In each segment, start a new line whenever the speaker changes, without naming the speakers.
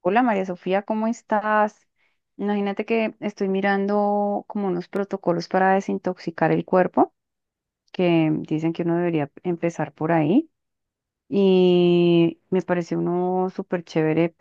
Hola María Sofía, ¿cómo estás? Imagínate que estoy mirando como unos protocolos para desintoxicar el cuerpo, que dicen que uno debería empezar por ahí. Y me parece uno súper chévere,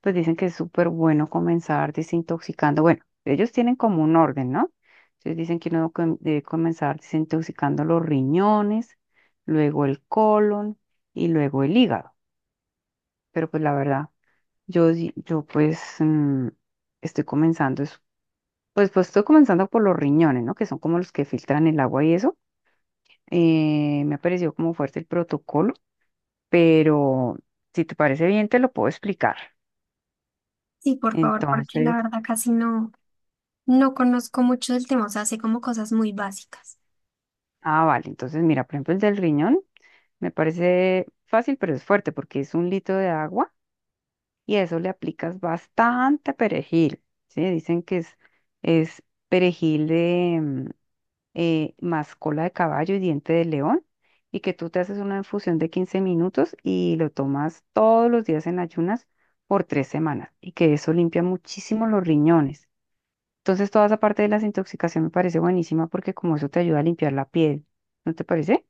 pues dicen que es súper bueno comenzar desintoxicando. Bueno, ellos tienen como un orden, ¿no? Entonces dicen que uno debe comenzar desintoxicando los riñones, luego el colon y luego el hígado. Pero pues la verdad. Yo estoy pues, estoy comenzando por los riñones, ¿no? Que son como los que filtran el agua y eso. Me ha parecido como fuerte el protocolo, pero si te parece bien, te lo puedo explicar.
Sí, por favor, porque la
Entonces,
verdad casi no conozco mucho del tema, o sea, sé como cosas muy básicas.
ah, vale, entonces mira, por ejemplo, el del riñón me parece fácil, pero es fuerte porque es un litro de agua y a eso le aplicas bastante perejil, ¿sí? Dicen que es perejil, más cola de caballo y diente de león, y que tú te haces una infusión de 15 minutos y lo tomas todos los días en ayunas por 3 semanas, y que eso limpia muchísimo los riñones. Entonces, toda esa parte de la desintoxicación me parece buenísima porque como eso te ayuda a limpiar la piel, ¿no te parece?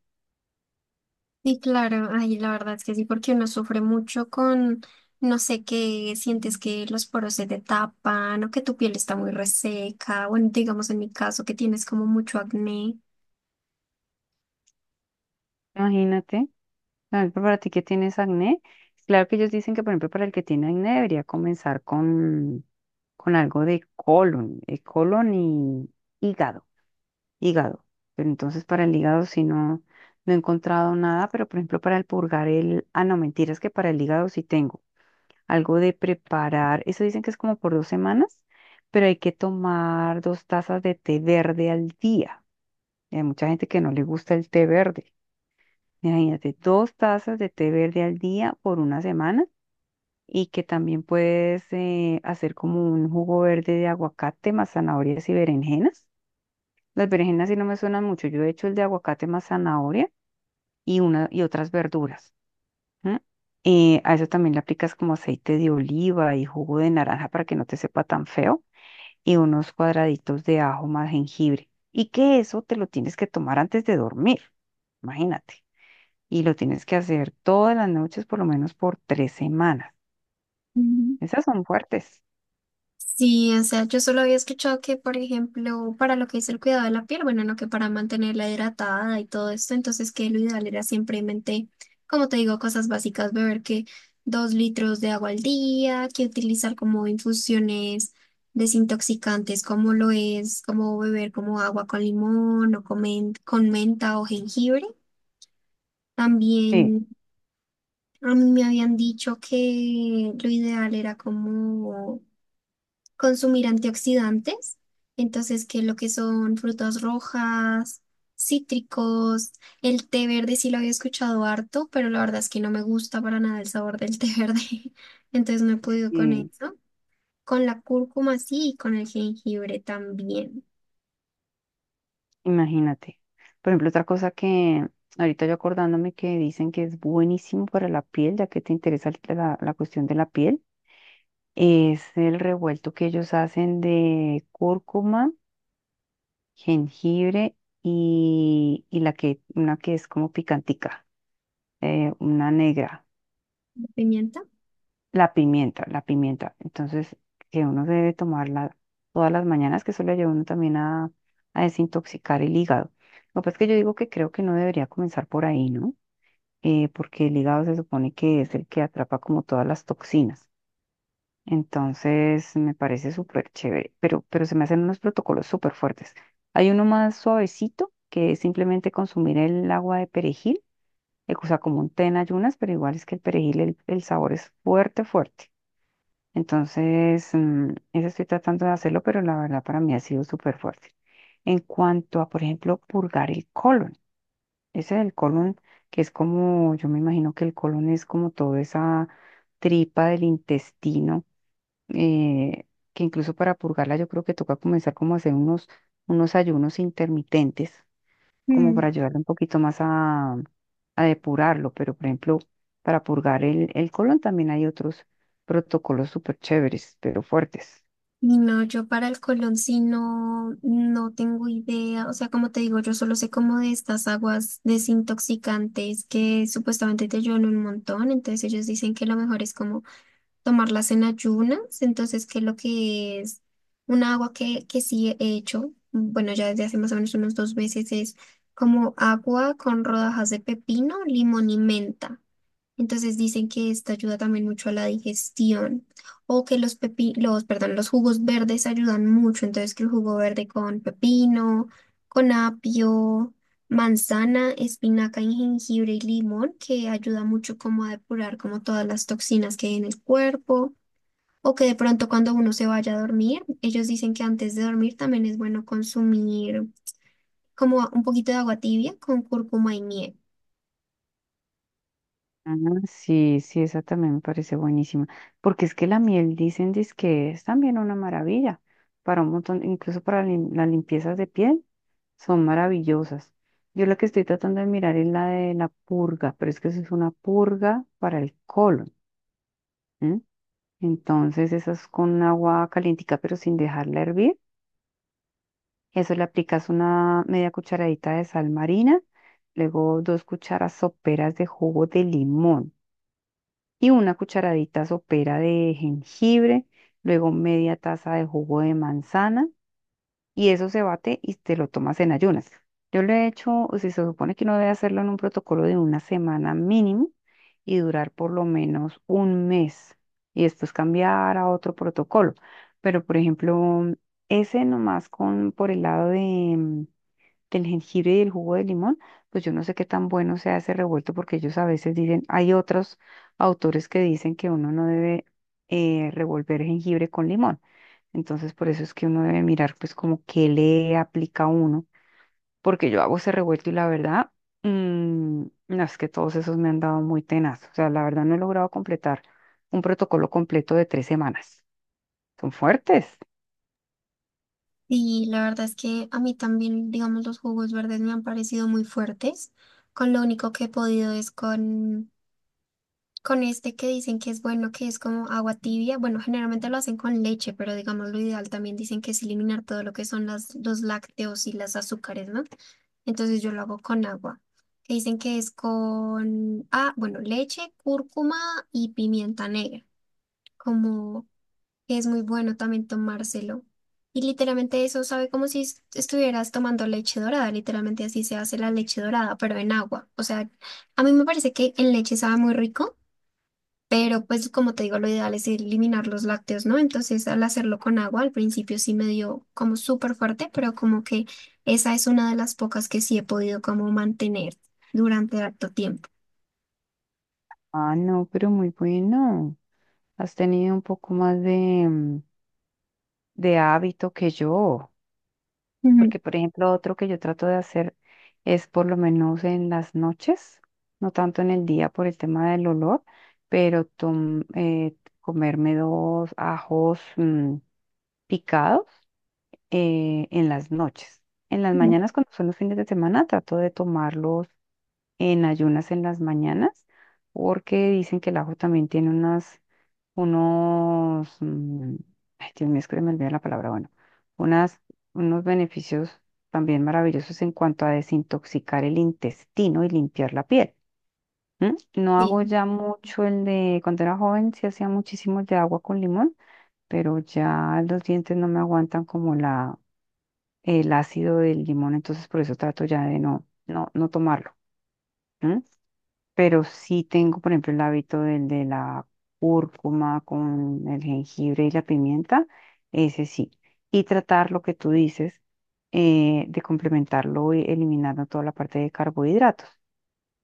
Sí, claro, ay, la verdad es que sí, porque uno sufre mucho con, no sé, que sientes que los poros se te tapan o que tu piel está muy reseca, bueno, digamos en mi caso que tienes como mucho acné.
Imagínate, por ejemplo, para ti que tienes acné, claro que ellos dicen que, por ejemplo, para el que tiene acné debería comenzar con, algo de colon, colon y hígado hígado. Pero entonces para el hígado sí no he encontrado nada, pero por ejemplo para el purgar el... Ah, no, mentiras que para el hígado sí tengo algo de preparar. Eso dicen que es como por 2 semanas, pero hay que tomar 2 tazas de té verde al día. Y hay mucha gente que no le gusta el té verde. Imagínate, 2 tazas de té verde al día por una semana y que también puedes hacer como un jugo verde de aguacate más zanahorias y berenjenas, las berenjenas sí no me suenan mucho. Yo he hecho el de aguacate más zanahoria y otras verduras. ¿M? A eso también le aplicas como aceite de oliva y jugo de naranja para que no te sepa tan feo y unos cuadraditos de ajo más jengibre. Y que eso te lo tienes que tomar antes de dormir, imagínate. Y lo tienes que hacer todas las noches, por lo menos por 3 semanas. Esas son fuertes.
Sí, o sea, yo solo había escuchado que, por ejemplo, para lo que es el cuidado de la piel, bueno, no que para mantenerla hidratada y todo esto, entonces que lo ideal era simplemente, como te digo, cosas básicas, beber que 2 litros de agua al día, que utilizar como infusiones desintoxicantes, como lo es, como beber como agua con limón o con, con menta o jengibre.
Sí.
También a mí me habían dicho que lo ideal era como consumir antioxidantes, entonces que lo que son frutas rojas, cítricos, el té verde sí lo había escuchado harto, pero la verdad es que no me gusta para nada el sabor del té verde, entonces no he podido con
Sí.
eso. Con la cúrcuma sí y con el jengibre también.
Imagínate. Por ejemplo, otra cosa que ahorita yo acordándome que dicen que es buenísimo para la piel, ya que te interesa la cuestión de la piel, es el revuelto que ellos hacen de cúrcuma, jengibre y una que es como picantica, una negra,
¿Pimienta?
la pimienta, la pimienta. Entonces, que uno debe tomarla todas las mañanas, que eso le ayuda a uno también a desintoxicar el hígado. Lo que pasa es que yo digo que creo que no debería comenzar por ahí, ¿no? Porque el hígado se supone que es el que atrapa como todas las toxinas. Entonces me parece súper chévere, pero, se me hacen unos protocolos súper fuertes. Hay uno más suavecito, que es simplemente consumir el agua de perejil, o sea, como un té en ayunas, pero igual es que el perejil, el sabor es fuerte, fuerte. Entonces, ese estoy tratando de hacerlo, pero la verdad para mí ha sido súper fuerte. En cuanto a, por ejemplo, purgar el colon. Ese del colon, que es como, yo me imagino que el colon es como toda esa tripa del intestino, eh, que incluso para purgarla yo creo que toca comenzar como a hacer unos ayunos intermitentes, como para ayudarle un poquito más a depurarlo. Pero, por ejemplo, para purgar el colon también hay otros protocolos súper chéveres, pero fuertes.
Y no, yo para el Colón sí no, no tengo idea. O sea, como te digo, yo solo sé como de estas aguas desintoxicantes que supuestamente te ayudan un montón. Entonces ellos dicen que lo mejor es como tomarlas en ayunas. Entonces, que lo que es una agua que sí he hecho, bueno, ya desde hace más o menos unos 2 meses, es como agua con rodajas de pepino, limón y menta. Entonces dicen que esta ayuda también mucho a la digestión o que perdón, los jugos verdes ayudan mucho, entonces que el jugo verde con pepino, con apio, manzana, espinaca y jengibre y limón, que ayuda mucho como a depurar como todas las toxinas que hay en el cuerpo o que de pronto cuando uno se vaya a dormir, ellos dicen que antes de dormir también es bueno consumir como un poquito de agua tibia con cúrcuma y miel.
Ah, sí, sí, esa también me parece buenísima, porque es que la miel dicen que es también una maravilla para un montón, incluso para las limpiezas de piel, son maravillosas. Yo la que estoy tratando de mirar es la de la purga, pero es que eso es una purga para el colon, ¿m? Entonces esa es con agua calientica pero sin dejarla hervir. Eso le aplicas una media cucharadita de sal marina, luego 2 cucharas soperas de jugo de limón, y una cucharadita sopera de jengibre, luego media taza de jugo de manzana, y eso se bate y te lo tomas en ayunas. Yo lo he hecho, o sea, se supone que uno debe hacerlo en un protocolo de una semana mínimo y durar por lo menos un mes y después cambiar a otro protocolo. Pero, por ejemplo, ese nomás con por el lado de, del jengibre y del jugo de limón, pues yo no sé qué tan bueno sea ese revuelto porque ellos a veces dicen, hay otros autores que dicen que uno no debe, revolver jengibre con limón. Entonces por eso es que uno debe mirar pues como qué le aplica a uno, porque yo hago ese revuelto y la verdad, mm, no es que todos esos me han dado muy tenaz. O sea, la verdad no he logrado completar un protocolo completo de 3 semanas. Son fuertes.
Y la verdad es que a mí también, digamos, los jugos verdes me han parecido muy fuertes. Con lo único que he podido es con este que dicen que es bueno, que es como agua tibia. Bueno, generalmente lo hacen con leche, pero digamos, lo ideal también dicen que es eliminar todo lo que son los lácteos y las azúcares, ¿no? Entonces yo lo hago con agua. Que dicen que es con, ah, bueno, leche, cúrcuma y pimienta negra. Como que es muy bueno también tomárselo. Y literalmente eso sabe como si estuvieras tomando leche dorada, literalmente así se hace la leche dorada, pero en agua. O sea, a mí me parece que en leche sabe muy rico, pero pues como te digo, lo ideal es eliminar los lácteos, ¿no? Entonces al hacerlo con agua, al principio sí me dio como súper fuerte, pero como que esa es una de las pocas que sí he podido como mantener durante harto tiempo.
Ah, no, pero muy bueno. Has tenido un poco más de hábito que yo,
Ujú,
porque por ejemplo otro que yo trato de hacer es por lo menos en las noches, no tanto en el día por el tema del olor, pero comerme 2 ajos, picados, en las noches. En las
ujú.
mañanas, cuando son los fines de semana, trato de tomarlos en ayunas en las mañanas, porque dicen que el ajo también tiene unos, mm, ay, Dios mío, es que se me olvida la palabra, bueno, unas, unos beneficios también maravillosos en cuanto a desintoxicar el intestino y limpiar la piel. ¿M? No
Sí,
hago ya mucho el de, cuando era joven sí hacía muchísimo de agua con limón, pero ya los dientes no me aguantan como el ácido del limón, entonces por eso trato ya de no tomarlo, pero sí tengo, por ejemplo, el hábito del de la cúrcuma con el jengibre y la pimienta, ese sí. Y tratar lo que tú dices, de complementarlo y eliminando toda la parte de carbohidratos.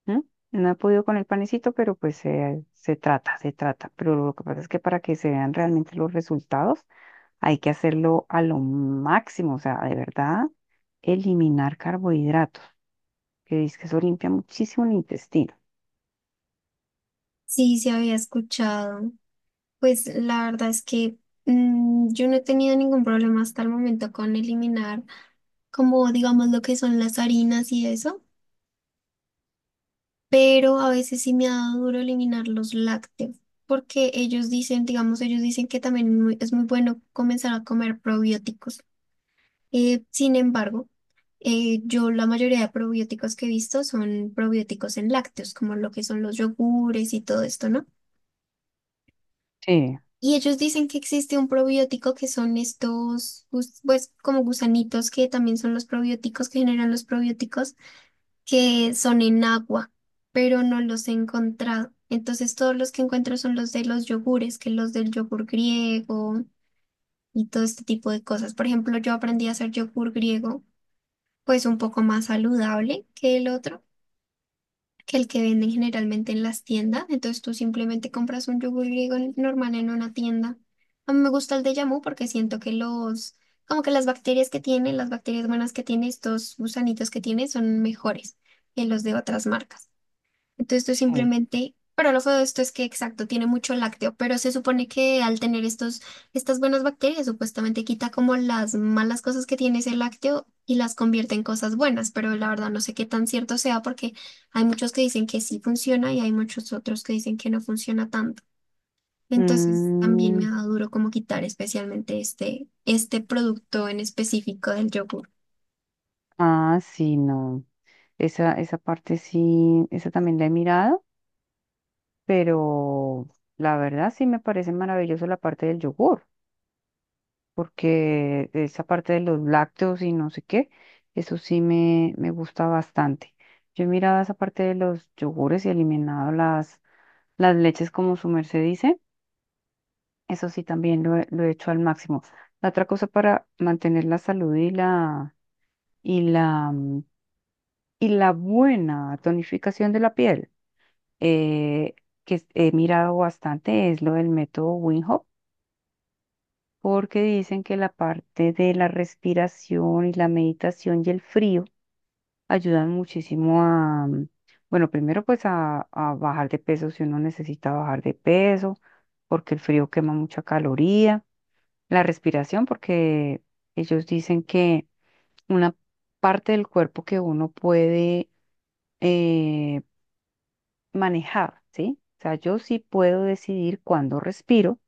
¿M? No he podido con el panecito, pero pues se trata, se trata. Pero lo que pasa es que para que se vean realmente los resultados, hay que hacerlo a lo máximo, o sea, de verdad, eliminar carbohidratos, que dice que eso limpia muchísimo el intestino.
sí, se había escuchado. Pues la verdad es que yo no he tenido ningún problema hasta el momento con eliminar como digamos lo que son las harinas y eso, pero a veces sí me ha dado duro eliminar los lácteos, porque ellos dicen, digamos, ellos dicen que también es muy bueno comenzar a comer probióticos. Sin embargo, yo la mayoría de probióticos que he visto son probióticos en lácteos, como lo que son los yogures y todo esto, ¿no?
Sí,
Y ellos dicen que existe un probiótico que son estos, pues como gusanitos que también son los probióticos que generan los probióticos, que son en agua, pero no los he encontrado. Entonces todos los que encuentro son los de los yogures, que los del yogur griego y todo este tipo de cosas. Por ejemplo, yo aprendí a hacer yogur griego, pues un poco más saludable que el otro que el que venden generalmente en las tiendas. Entonces tú simplemente compras un yogur griego normal en una tienda. A mí me gusta el de Yamu porque siento que los, como que las bacterias que tiene, las bacterias buenas que tiene, estos gusanitos que tiene, son mejores que los de otras marcas. Entonces tú
sí.
simplemente, pero lo feo de esto es que, exacto, tiene mucho lácteo, pero se supone que al tener estos, estas buenas bacterias, supuestamente quita como las malas cosas que tiene ese lácteo y las convierte en cosas buenas, pero la verdad no sé qué tan cierto sea porque hay muchos que dicen que sí funciona y hay muchos otros que dicen que no funciona tanto. Entonces también me
Mm,
ha dado duro como quitar especialmente este producto en específico del yogur.
ah, sí, no. Esa parte sí, esa también la he mirado, pero la verdad sí me parece maravilloso la parte del yogur, porque esa parte de los lácteos y no sé qué, eso sí me gusta bastante. Yo he mirado esa parte de los yogures y eliminado las leches, como su merced dice, eso sí también lo he hecho al máximo. La otra cosa para mantener la salud y la mm, Y la buena tonificación de la piel, eh, que he mirado bastante es lo del método Wim Hof, porque dicen que la parte de la respiración y la meditación y el frío ayudan muchísimo bueno, primero pues a bajar de peso si uno necesita bajar de peso, porque el frío quema mucha caloría. La respiración, porque ellos dicen que una parte del cuerpo que uno puede... eh, manejar, ¿sí? O sea, yo sí puedo decidir cuándo respiro,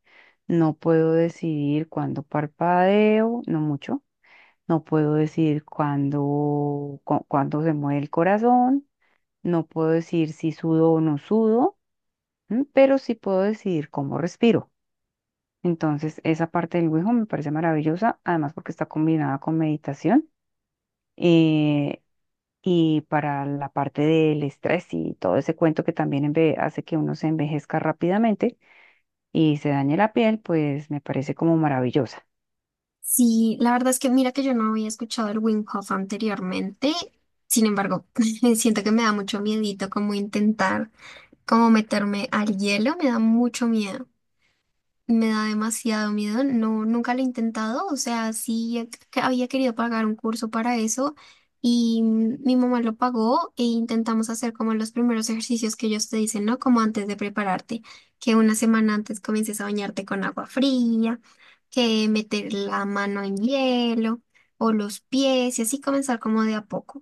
no puedo decidir cuándo parpadeo, no mucho, no puedo decidir cuándo se mueve el corazón, no puedo decir si sudo o no sudo, ¿m? Pero sí puedo decidir cómo respiro. Entonces, esa parte del Wijo me parece maravillosa, además porque está combinada con meditación, eh, y para la parte del estrés y todo ese cuento que también hace que uno se envejezca rápidamente, y se dañe la piel, pues me parece como maravillosa.
Sí, la verdad es que mira que yo no había escuchado el Wim Hof anteriormente, sin embargo, siento que me da mucho miedito como intentar como meterme al hielo, me da mucho miedo. Me da demasiado miedo, no, nunca lo he intentado, o sea, sí que había querido pagar un curso para eso y mi mamá lo pagó e intentamos hacer como los primeros ejercicios que ellos te dicen, ¿no? Como antes de prepararte, que 1 semana antes comiences a bañarte con agua fría, que meter la mano en hielo o los pies y así comenzar como de a poco,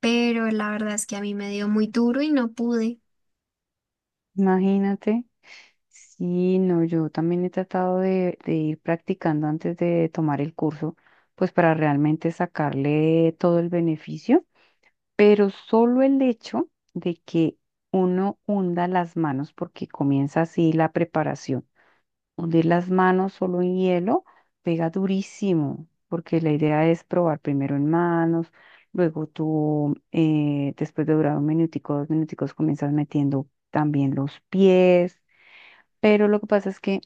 pero la verdad es que a mí me dio muy duro y no pude.
Imagínate. Sí, no, yo también he tratado de ir practicando antes de tomar el curso, pues para realmente sacarle todo el beneficio, pero solo el hecho de que uno hunda las manos porque comienza así la preparación. Hundir las manos solo en hielo pega durísimo, porque la idea es probar primero en manos, luego tú, después de durar un minutico, 2 minuticos, comienzas metiendo también los pies. Pero lo que pasa es que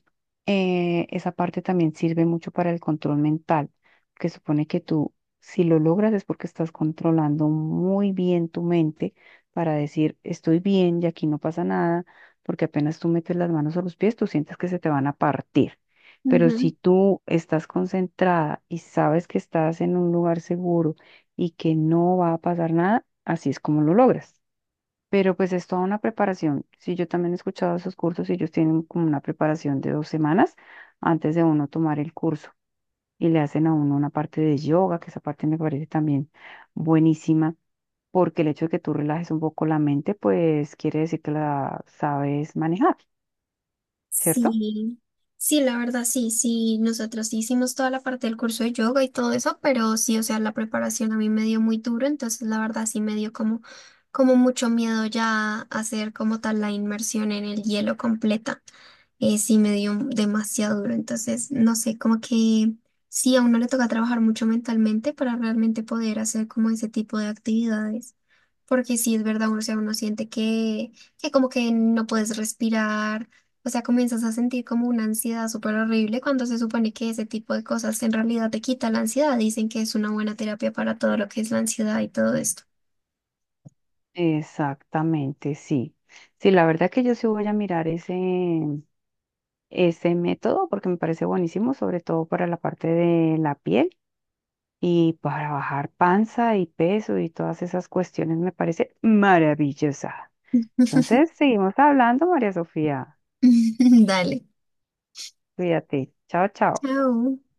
esa parte también sirve mucho para el control mental, que supone que tú, si lo logras es porque estás controlando muy bien tu mente para decir, estoy bien y aquí no pasa nada, porque apenas tú metes las manos a los pies, tú sientes que se te van a partir. Pero si tú estás concentrada y sabes que estás en un lugar seguro y que no va a pasar nada, así es como lo logras. Pero pues es toda una preparación. Sí, yo también he escuchado esos cursos y ellos tienen como una preparación de 2 semanas antes de uno tomar el curso. Y le hacen a uno una parte de yoga, que esa parte me parece también buenísima, porque el hecho de que tú relajes un poco la mente, pues quiere decir que la sabes manejar, ¿cierto?
Sí, sí, la verdad sí, nosotros sí hicimos toda la parte del curso de yoga y todo eso, pero sí, o sea, la preparación a mí me dio muy duro, entonces la verdad sí me dio como, como mucho miedo ya hacer como tal la inmersión en el hielo completa, sí me dio demasiado duro, entonces no sé, como que sí, a uno le toca trabajar mucho mentalmente para realmente poder hacer como ese tipo de actividades, porque sí es verdad, uno, o sea, uno siente que como que no puedes respirar, o sea, comienzas a sentir como una ansiedad súper horrible cuando se supone que ese tipo de cosas en realidad te quita la ansiedad. Dicen que es una buena terapia para todo lo que es la ansiedad y todo esto.
Exactamente, sí. Sí, la verdad que yo sí voy a mirar ese, ese método porque me parece buenísimo, sobre todo para la parte de la piel y para bajar panza y peso y todas esas cuestiones me parece maravillosa. Entonces, seguimos hablando, María Sofía.
Dale.
Cuídate. Chao, chao.
Chao.